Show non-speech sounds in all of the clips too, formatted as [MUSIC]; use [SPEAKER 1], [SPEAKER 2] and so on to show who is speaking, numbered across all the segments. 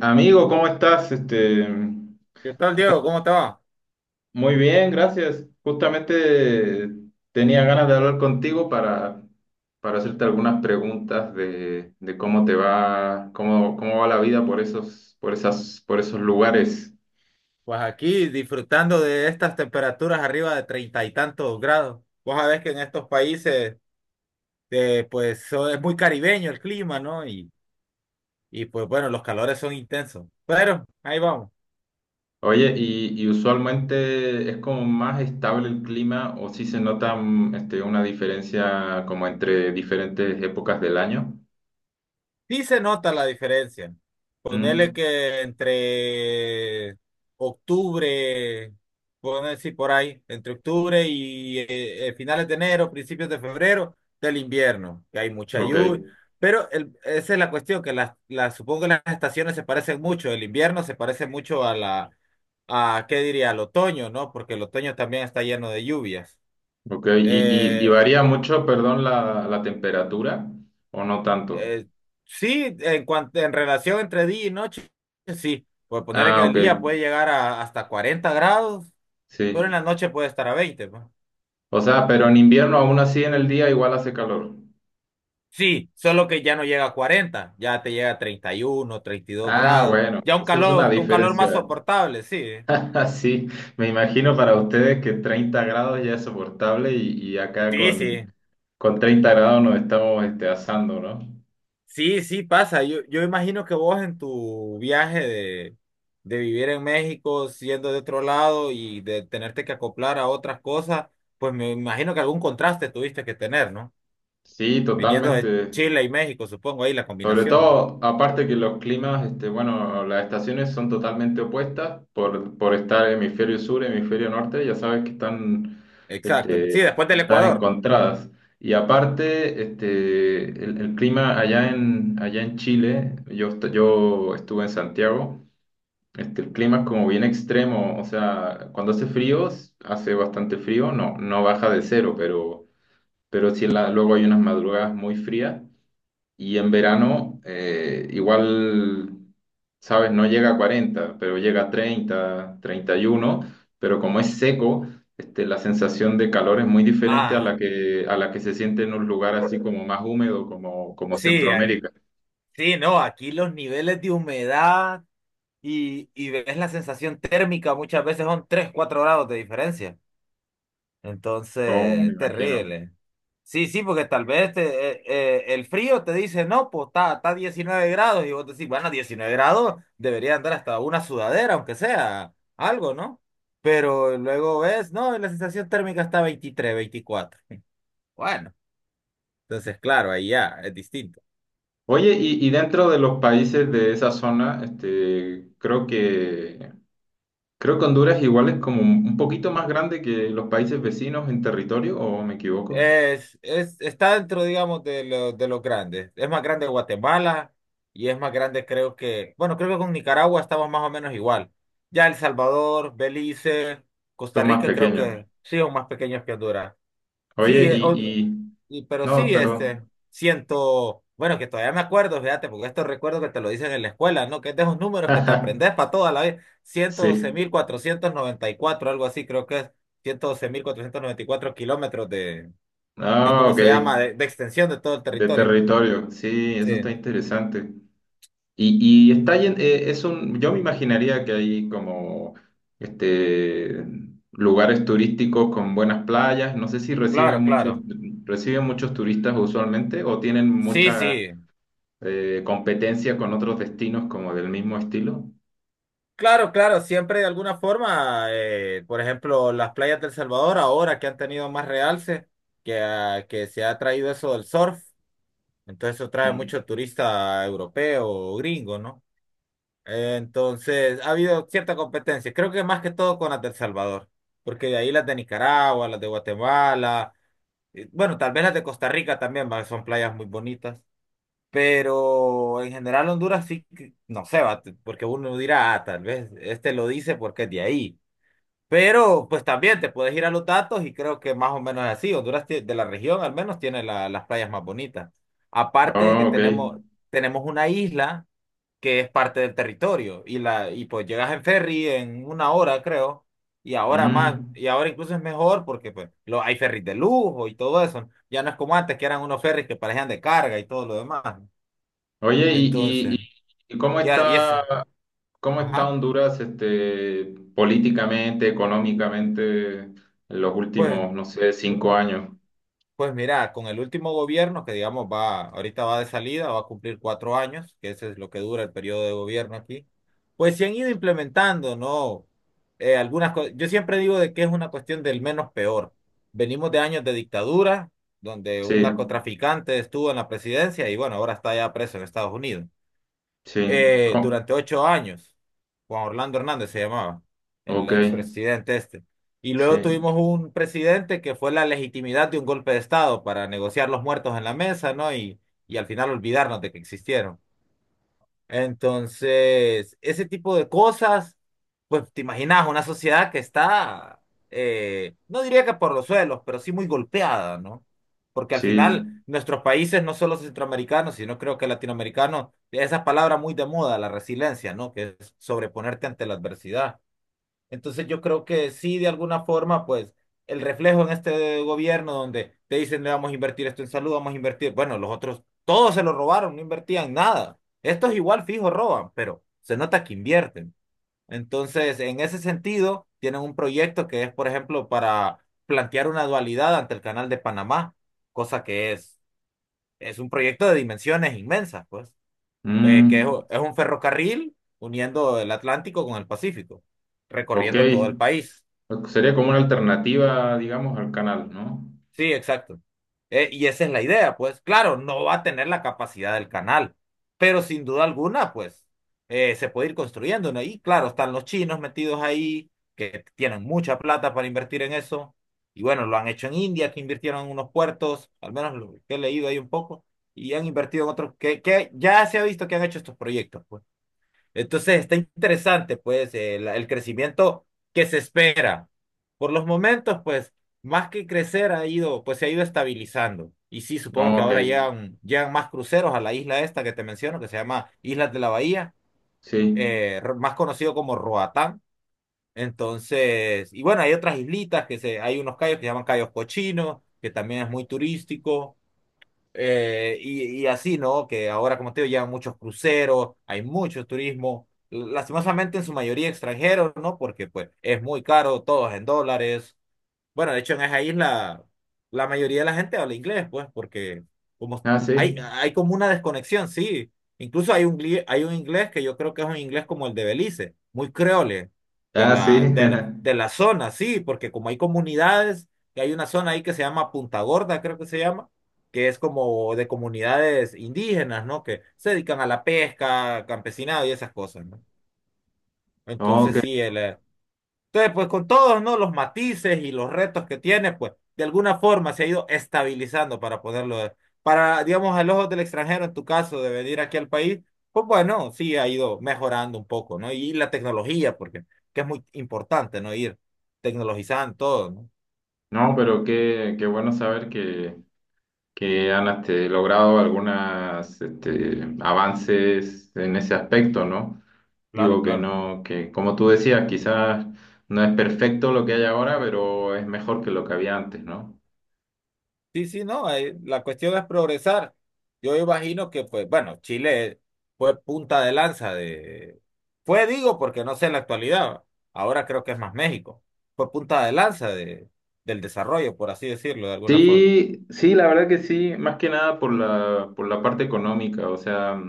[SPEAKER 1] Amigo, ¿cómo estás?
[SPEAKER 2] ¿Qué tal, Diego? ¿Cómo te va?
[SPEAKER 1] Muy bien, gracias. Justamente tenía ganas de hablar contigo para hacerte algunas preguntas de cómo te va, cómo va la vida por esos, por esas, por esos lugares.
[SPEAKER 2] Pues aquí disfrutando de estas temperaturas arriba de treinta y tantos grados. Vos sabés que en estos países, pues es muy caribeño el clima, ¿no? Y pues bueno, los calores son intensos. Pero ahí vamos.
[SPEAKER 1] Oye, y usualmente es como más estable el clima o si se nota una diferencia como entre diferentes épocas del año.
[SPEAKER 2] Sí se nota la diferencia. Ponele
[SPEAKER 1] ¿Mm?
[SPEAKER 2] que entre octubre, poner decir por ahí, entre octubre y finales de enero, principios de febrero del invierno, que hay mucha
[SPEAKER 1] Ok.
[SPEAKER 2] lluvia. Pero esa es la cuestión, que supongo que las estaciones se parecen mucho. El invierno se parece mucho a la, a, ¿qué diría? Al otoño, ¿no? Porque el otoño también está lleno de lluvias.
[SPEAKER 1] Ok, ¿y
[SPEAKER 2] Eh,
[SPEAKER 1] varía mucho, perdón, la temperatura o no tanto?
[SPEAKER 2] Eh, sí, en cuanto en relación entre día y noche, sí. Por poner que
[SPEAKER 1] Ah,
[SPEAKER 2] en el
[SPEAKER 1] ok,
[SPEAKER 2] día puede llegar a hasta 40 grados, pero en
[SPEAKER 1] sí.
[SPEAKER 2] la noche puede estar a 20 pues.
[SPEAKER 1] O sea, pero en invierno aún así en el día igual hace calor.
[SPEAKER 2] Sí, solo que ya no llega a 40, ya te llega a 30, 31, treinta y dos
[SPEAKER 1] Ah,
[SPEAKER 2] grados.
[SPEAKER 1] bueno,
[SPEAKER 2] Ya un
[SPEAKER 1] eso es una
[SPEAKER 2] calor, un calor más
[SPEAKER 1] diferencia.
[SPEAKER 2] soportable, sí. ¿Eh?
[SPEAKER 1] [LAUGHS] Así, me imagino para ustedes que 30 grados ya es soportable y, acá
[SPEAKER 2] Sí, sí.
[SPEAKER 1] con 30 grados nos estamos asando, ¿no?
[SPEAKER 2] Sí, sí pasa. Yo imagino que vos en tu viaje de vivir en México, siendo de otro lado y de tenerte que acoplar a otras cosas, pues me imagino que algún contraste tuviste que tener, ¿no?
[SPEAKER 1] Sí,
[SPEAKER 2] Viniendo de
[SPEAKER 1] totalmente.
[SPEAKER 2] Chile y México, supongo, ahí la
[SPEAKER 1] Sobre
[SPEAKER 2] combinación, ¿no?
[SPEAKER 1] todo, aparte que los climas, bueno, las estaciones son totalmente opuestas por estar hemisferio sur, hemisferio norte, ya sabes que
[SPEAKER 2] Exacto. Sí,
[SPEAKER 1] este,
[SPEAKER 2] después del
[SPEAKER 1] están
[SPEAKER 2] Ecuador, ¿no?
[SPEAKER 1] encontradas. Y aparte, el clima allá en Chile, yo estuve en Santiago, el clima es como bien extremo. O sea, cuando hace frío, hace bastante frío, no, no baja de cero, pero sí luego hay unas madrugadas muy frías. Y en verano, igual, sabes, no llega a 40 pero llega a 30 31, pero como es seco, la sensación de calor es muy diferente a la
[SPEAKER 2] Ah,
[SPEAKER 1] que, se siente en un lugar así como más húmedo, como
[SPEAKER 2] sí,
[SPEAKER 1] Centroamérica.
[SPEAKER 2] sí, no, aquí los niveles de humedad y ves la sensación térmica muchas veces son 3 4 grados de diferencia.
[SPEAKER 1] Oh, me
[SPEAKER 2] Entonces,
[SPEAKER 1] imagino.
[SPEAKER 2] terrible. Sí, sí, porque tal vez el frío te dice, no, pues está 19 grados y vos decís, bueno, 19 grados debería andar hasta una sudadera, aunque sea algo, ¿no? Pero luego ves, no, la sensación térmica está 23 24. [LAUGHS] Bueno, entonces, claro, ahí ya es distinto.
[SPEAKER 1] Oye, y dentro de los países de esa zona, creo que Honduras igual es como un poquito más grande que los países vecinos en territorio, ¿o me equivoco?
[SPEAKER 2] Es, está dentro, digamos, de los grandes. Es más grande Guatemala y es más grande, creo que, bueno, creo que con Nicaragua estamos más o menos igual. Ya El Salvador, Belice,
[SPEAKER 1] Son
[SPEAKER 2] Costa
[SPEAKER 1] más
[SPEAKER 2] Rica, creo
[SPEAKER 1] pequeños.
[SPEAKER 2] que sí, son más pequeños que Honduras.
[SPEAKER 1] Oye,
[SPEAKER 2] Sí,
[SPEAKER 1] y, y...
[SPEAKER 2] pero sí,
[SPEAKER 1] No, perdón.
[SPEAKER 2] este, siento, bueno, que todavía me acuerdo, fíjate, porque esto recuerdo que te lo dicen en la escuela, ¿no? Que es de esos números que te aprendes
[SPEAKER 1] [LAUGHS]
[SPEAKER 2] para toda la vida. ciento doce
[SPEAKER 1] Sí.
[SPEAKER 2] mil cuatrocientos noventa y cuatro algo así, creo que es 112.494 kilómetros de
[SPEAKER 1] Ah,
[SPEAKER 2] cómo
[SPEAKER 1] ok.
[SPEAKER 2] se llama, de extensión de todo el
[SPEAKER 1] De
[SPEAKER 2] territorio.
[SPEAKER 1] territorio. Sí,
[SPEAKER 2] Sí,
[SPEAKER 1] eso está interesante. Y está llen- es un... Yo me imaginaría que hay como este, lugares turísticos con buenas playas. No sé si
[SPEAKER 2] claro, claro.
[SPEAKER 1] reciben muchos turistas usualmente o tienen
[SPEAKER 2] Sí,
[SPEAKER 1] mucha
[SPEAKER 2] sí.
[SPEAKER 1] competencia con otros destinos como del mismo estilo.
[SPEAKER 2] Claro, claro, siempre de alguna forma, por ejemplo, las playas del Salvador ahora que han tenido más realce, que se ha traído eso del surf, entonces eso trae
[SPEAKER 1] Mm.
[SPEAKER 2] mucho turista europeo o gringo, ¿no? Entonces ha habido cierta competencia, creo que más que todo con las del Salvador, porque de ahí las de Nicaragua, las de Guatemala, bueno, tal vez las de Costa Rica también, va, son playas muy bonitas. Pero en general Honduras sí, no sé, va, porque uno dirá, ah, tal vez este lo dice porque es de ahí. Pero pues también te puedes ir a los datos y creo que más o menos es así. Honduras, de la región al menos, tiene las playas más bonitas. Aparte de que
[SPEAKER 1] Oh, ok.
[SPEAKER 2] tenemos una isla que es parte del territorio y pues llegas en ferry en una hora, creo. Y ahora más,
[SPEAKER 1] Mm.
[SPEAKER 2] y ahora incluso es mejor porque pues hay ferries de lujo y todo eso. Ya no es como antes, que eran unos ferries que parecían de carga y todo lo demás.
[SPEAKER 1] Oye, y, y, y-
[SPEAKER 2] Entonces,
[SPEAKER 1] ¿Y cómo
[SPEAKER 2] ya,
[SPEAKER 1] está ¿Cómo está
[SPEAKER 2] ajá,
[SPEAKER 1] Honduras, políticamente, económicamente, en los
[SPEAKER 2] pues,
[SPEAKER 1] últimos, no sé,
[SPEAKER 2] pu-
[SPEAKER 1] 5 años?
[SPEAKER 2] pues mira, con el último gobierno que digamos va, ahorita va de salida, va a cumplir 4 años, que ese es lo que dura el periodo de gobierno aquí, pues se han ido implementando, ¿no? Algunas cosas. Yo siempre digo de que es una cuestión del menos peor. Venimos de años de dictadura, donde un
[SPEAKER 1] Sí,
[SPEAKER 2] narcotraficante estuvo en la presidencia y, bueno, ahora está ya preso en Estados Unidos.
[SPEAKER 1] sí.
[SPEAKER 2] eh,
[SPEAKER 1] ¿Cómo?
[SPEAKER 2] durante 8 años. Juan Orlando Hernández se llamaba, el
[SPEAKER 1] Ok,
[SPEAKER 2] expresidente este. Y luego
[SPEAKER 1] sí,
[SPEAKER 2] tuvimos un presidente que fue la legitimidad de un golpe de Estado para negociar los muertos en la mesa, ¿no? Y al final olvidarnos de que existieron. Entonces, ese tipo de cosas, pues te imaginas una sociedad que está, no diría que por los suelos, pero sí muy golpeada, ¿no? Porque al final
[SPEAKER 1] sí.
[SPEAKER 2] nuestros países, no solo centroamericanos, sino creo que latinoamericanos, esa palabra muy de moda, la resiliencia, ¿no? Que es sobreponerte ante la adversidad. Entonces yo creo que sí, de alguna forma, pues el reflejo en este gobierno, donde te dicen: "Le vamos a invertir esto en salud, vamos a invertir". Bueno, los otros, todos se lo robaron, no invertían nada. Estos igual fijo roban, pero se nota que invierten. Entonces, en ese sentido, tienen un proyecto que es, por ejemplo, para plantear una dualidad ante el Canal de Panamá, cosa que es un proyecto de dimensiones inmensas, pues, que es
[SPEAKER 1] Mm,
[SPEAKER 2] es un ferrocarril uniendo el Atlántico con el Pacífico,
[SPEAKER 1] ok.
[SPEAKER 2] recorriendo todo el país.
[SPEAKER 1] Sería como una alternativa, digamos, al canal, ¿no?
[SPEAKER 2] Sí, exacto. Y esa es la idea. Pues claro, no va a tener la capacidad del canal, pero sin duda alguna, pues se puede ir construyendo, ¿no? Y claro, están los chinos metidos ahí, que tienen mucha plata para invertir en eso. Y bueno, lo han hecho en India, que invirtieron en unos puertos, al menos lo que he leído ahí un poco, y han invertido en otros, que ya se ha visto que han hecho estos proyectos, pues. Entonces está interesante, pues, el crecimiento que se espera. Por los momentos, pues, más que crecer ha ido, pues se ha ido estabilizando. Y sí, supongo que
[SPEAKER 1] No, ok,
[SPEAKER 2] ahora llegan más cruceros a la isla esta que te menciono, que se llama Islas de la Bahía,
[SPEAKER 1] sí.
[SPEAKER 2] más conocido como Roatán. Entonces, y bueno, hay otras islitas hay unos cayos que se llaman Cayos Cochinos, que también es muy turístico. Y así, ¿no? Que ahora, como te digo, llegan muchos cruceros, hay mucho turismo, lastimosamente en su mayoría extranjeros, ¿no? Porque pues es muy caro, todo es en dólares. Bueno, de hecho, en esa isla la mayoría de la gente habla inglés, pues, porque como
[SPEAKER 1] Ah,
[SPEAKER 2] hay,
[SPEAKER 1] sí.
[SPEAKER 2] hay como una desconexión, sí. Incluso hay un inglés que yo creo que es un inglés como el de Belice, muy creole de
[SPEAKER 1] Ah, sí.
[SPEAKER 2] la, de
[SPEAKER 1] [LAUGHS]
[SPEAKER 2] la, de la zona, sí, porque como hay comunidades, que hay una zona ahí que se llama Punta Gorda, creo que se llama, que es como de comunidades indígenas, ¿no? Que se dedican a la pesca, campesinado y esas cosas, ¿no? Entonces
[SPEAKER 1] Ok.
[SPEAKER 2] sí, entonces, pues con todos, ¿no? Los matices y los retos que tiene, pues de alguna forma se ha ido estabilizando para poderlo, para, digamos, al ojo del extranjero, en tu caso, de venir aquí al país, pues bueno, sí ha ido mejorando un poco, ¿no? Y la tecnología, porque que es muy importante, ¿no? Ir tecnologizando todo, ¿no?
[SPEAKER 1] No, pero qué bueno saber que, han logrado algunos avances en ese aspecto, ¿no?
[SPEAKER 2] Claro,
[SPEAKER 1] Digo que
[SPEAKER 2] claro.
[SPEAKER 1] no, que como tú decías, quizás no es perfecto lo que hay ahora, pero es mejor que lo que había antes, ¿no?
[SPEAKER 2] Sí, sí, no, la cuestión es progresar. Yo imagino que, pues, bueno, Chile fue punta de lanza de. Fue, digo, porque no sé en la actualidad, ahora creo que es más México. Fue punta de lanza del desarrollo, por así decirlo, de alguna forma.
[SPEAKER 1] Sí, sí, la verdad que sí, más que nada por la parte económica. O sea,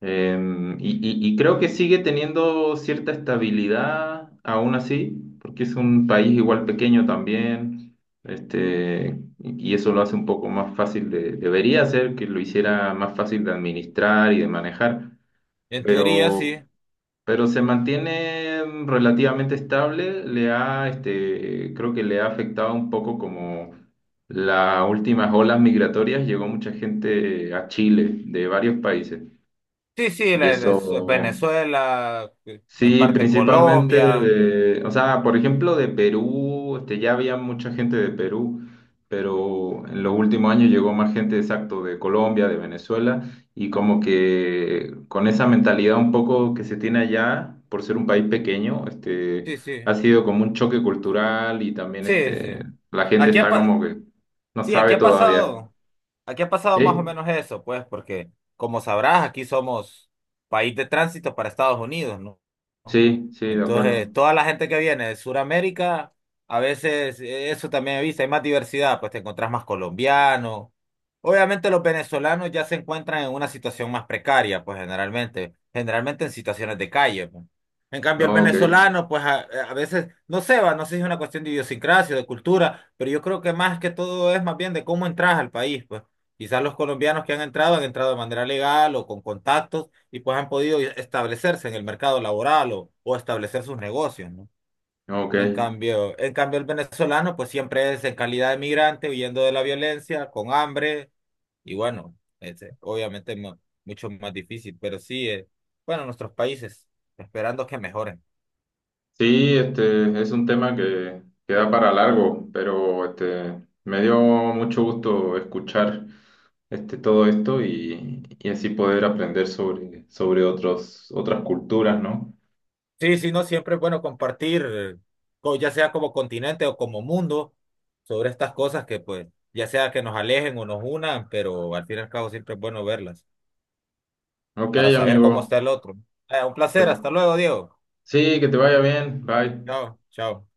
[SPEAKER 1] em, y, y creo que sigue teniendo cierta estabilidad aún así, porque es un país igual pequeño también, y eso lo hace un poco más fácil de, debería ser que lo hiciera más fácil de administrar y de manejar,
[SPEAKER 2] En teoría, sí.
[SPEAKER 1] pero se mantiene relativamente estable. Creo que le ha afectado un poco como las últimas olas migratorias. Llegó mucha gente a Chile de varios países
[SPEAKER 2] Sí, sí,
[SPEAKER 1] y eso.
[SPEAKER 2] Venezuela, en
[SPEAKER 1] Sí,
[SPEAKER 2] parte
[SPEAKER 1] principalmente
[SPEAKER 2] Colombia.
[SPEAKER 1] o sea, por ejemplo, de Perú, ya había mucha gente de Perú, pero en los últimos años llegó más gente, exacto, de Colombia, de Venezuela, y
[SPEAKER 2] Ah,
[SPEAKER 1] como que con esa mentalidad un poco que se tiene allá, por ser un país pequeño,
[SPEAKER 2] sí, sí,
[SPEAKER 1] ha sido como un choque cultural y también
[SPEAKER 2] sí, sí.
[SPEAKER 1] la gente
[SPEAKER 2] Aquí ha,
[SPEAKER 1] está
[SPEAKER 2] pa-
[SPEAKER 1] como que no
[SPEAKER 2] sí, aquí
[SPEAKER 1] sabe
[SPEAKER 2] ha
[SPEAKER 1] todavía.
[SPEAKER 2] pasado. Aquí ha pasado más o
[SPEAKER 1] ¿Eh?
[SPEAKER 2] menos eso, pues, porque como sabrás, aquí somos país de tránsito para Estados Unidos, ¿no?
[SPEAKER 1] Sí, sí, de acuerdo.
[SPEAKER 2] Entonces, toda la gente que viene de Sudamérica, a veces, eso también he visto, hay más diversidad, pues te encontrás más colombianos. Obviamente los venezolanos ya se encuentran en una situación más precaria, pues generalmente en situaciones de calle, pues. En cambio, el
[SPEAKER 1] Ok,
[SPEAKER 2] venezolano, pues a veces, no sé, va, no sé si es una cuestión de idiosincrasia, de cultura, pero yo creo que más que todo es más bien de cómo entras al país, pues. Quizás los colombianos que han entrado de manera legal o con contactos, y pues han podido establecerse en el mercado laboral o establecer sus negocios, ¿no?
[SPEAKER 1] ok.
[SPEAKER 2] En cambio, el venezolano pues siempre es en calidad de migrante, huyendo de la violencia, con hambre, y bueno, este, obviamente mucho más difícil. Pero sí, bueno, nuestros países, esperando que mejoren.
[SPEAKER 1] Sí, este es un tema que da para largo, pero me dio mucho gusto escuchar todo esto y, así poder aprender sobre otros, otras culturas, ¿no?
[SPEAKER 2] Sí, sí, no, siempre es bueno compartir, ya sea como continente o como mundo, sobre estas cosas que pues, ya sea que nos alejen o nos unan, pero al fin y al cabo siempre es bueno verlas
[SPEAKER 1] Ok,
[SPEAKER 2] para saber cómo
[SPEAKER 1] amigo.
[SPEAKER 2] está el otro. Un
[SPEAKER 1] Pues
[SPEAKER 2] placer. Hasta luego, Diego.
[SPEAKER 1] sí, que te vaya bien. Bye.
[SPEAKER 2] Chao, chao.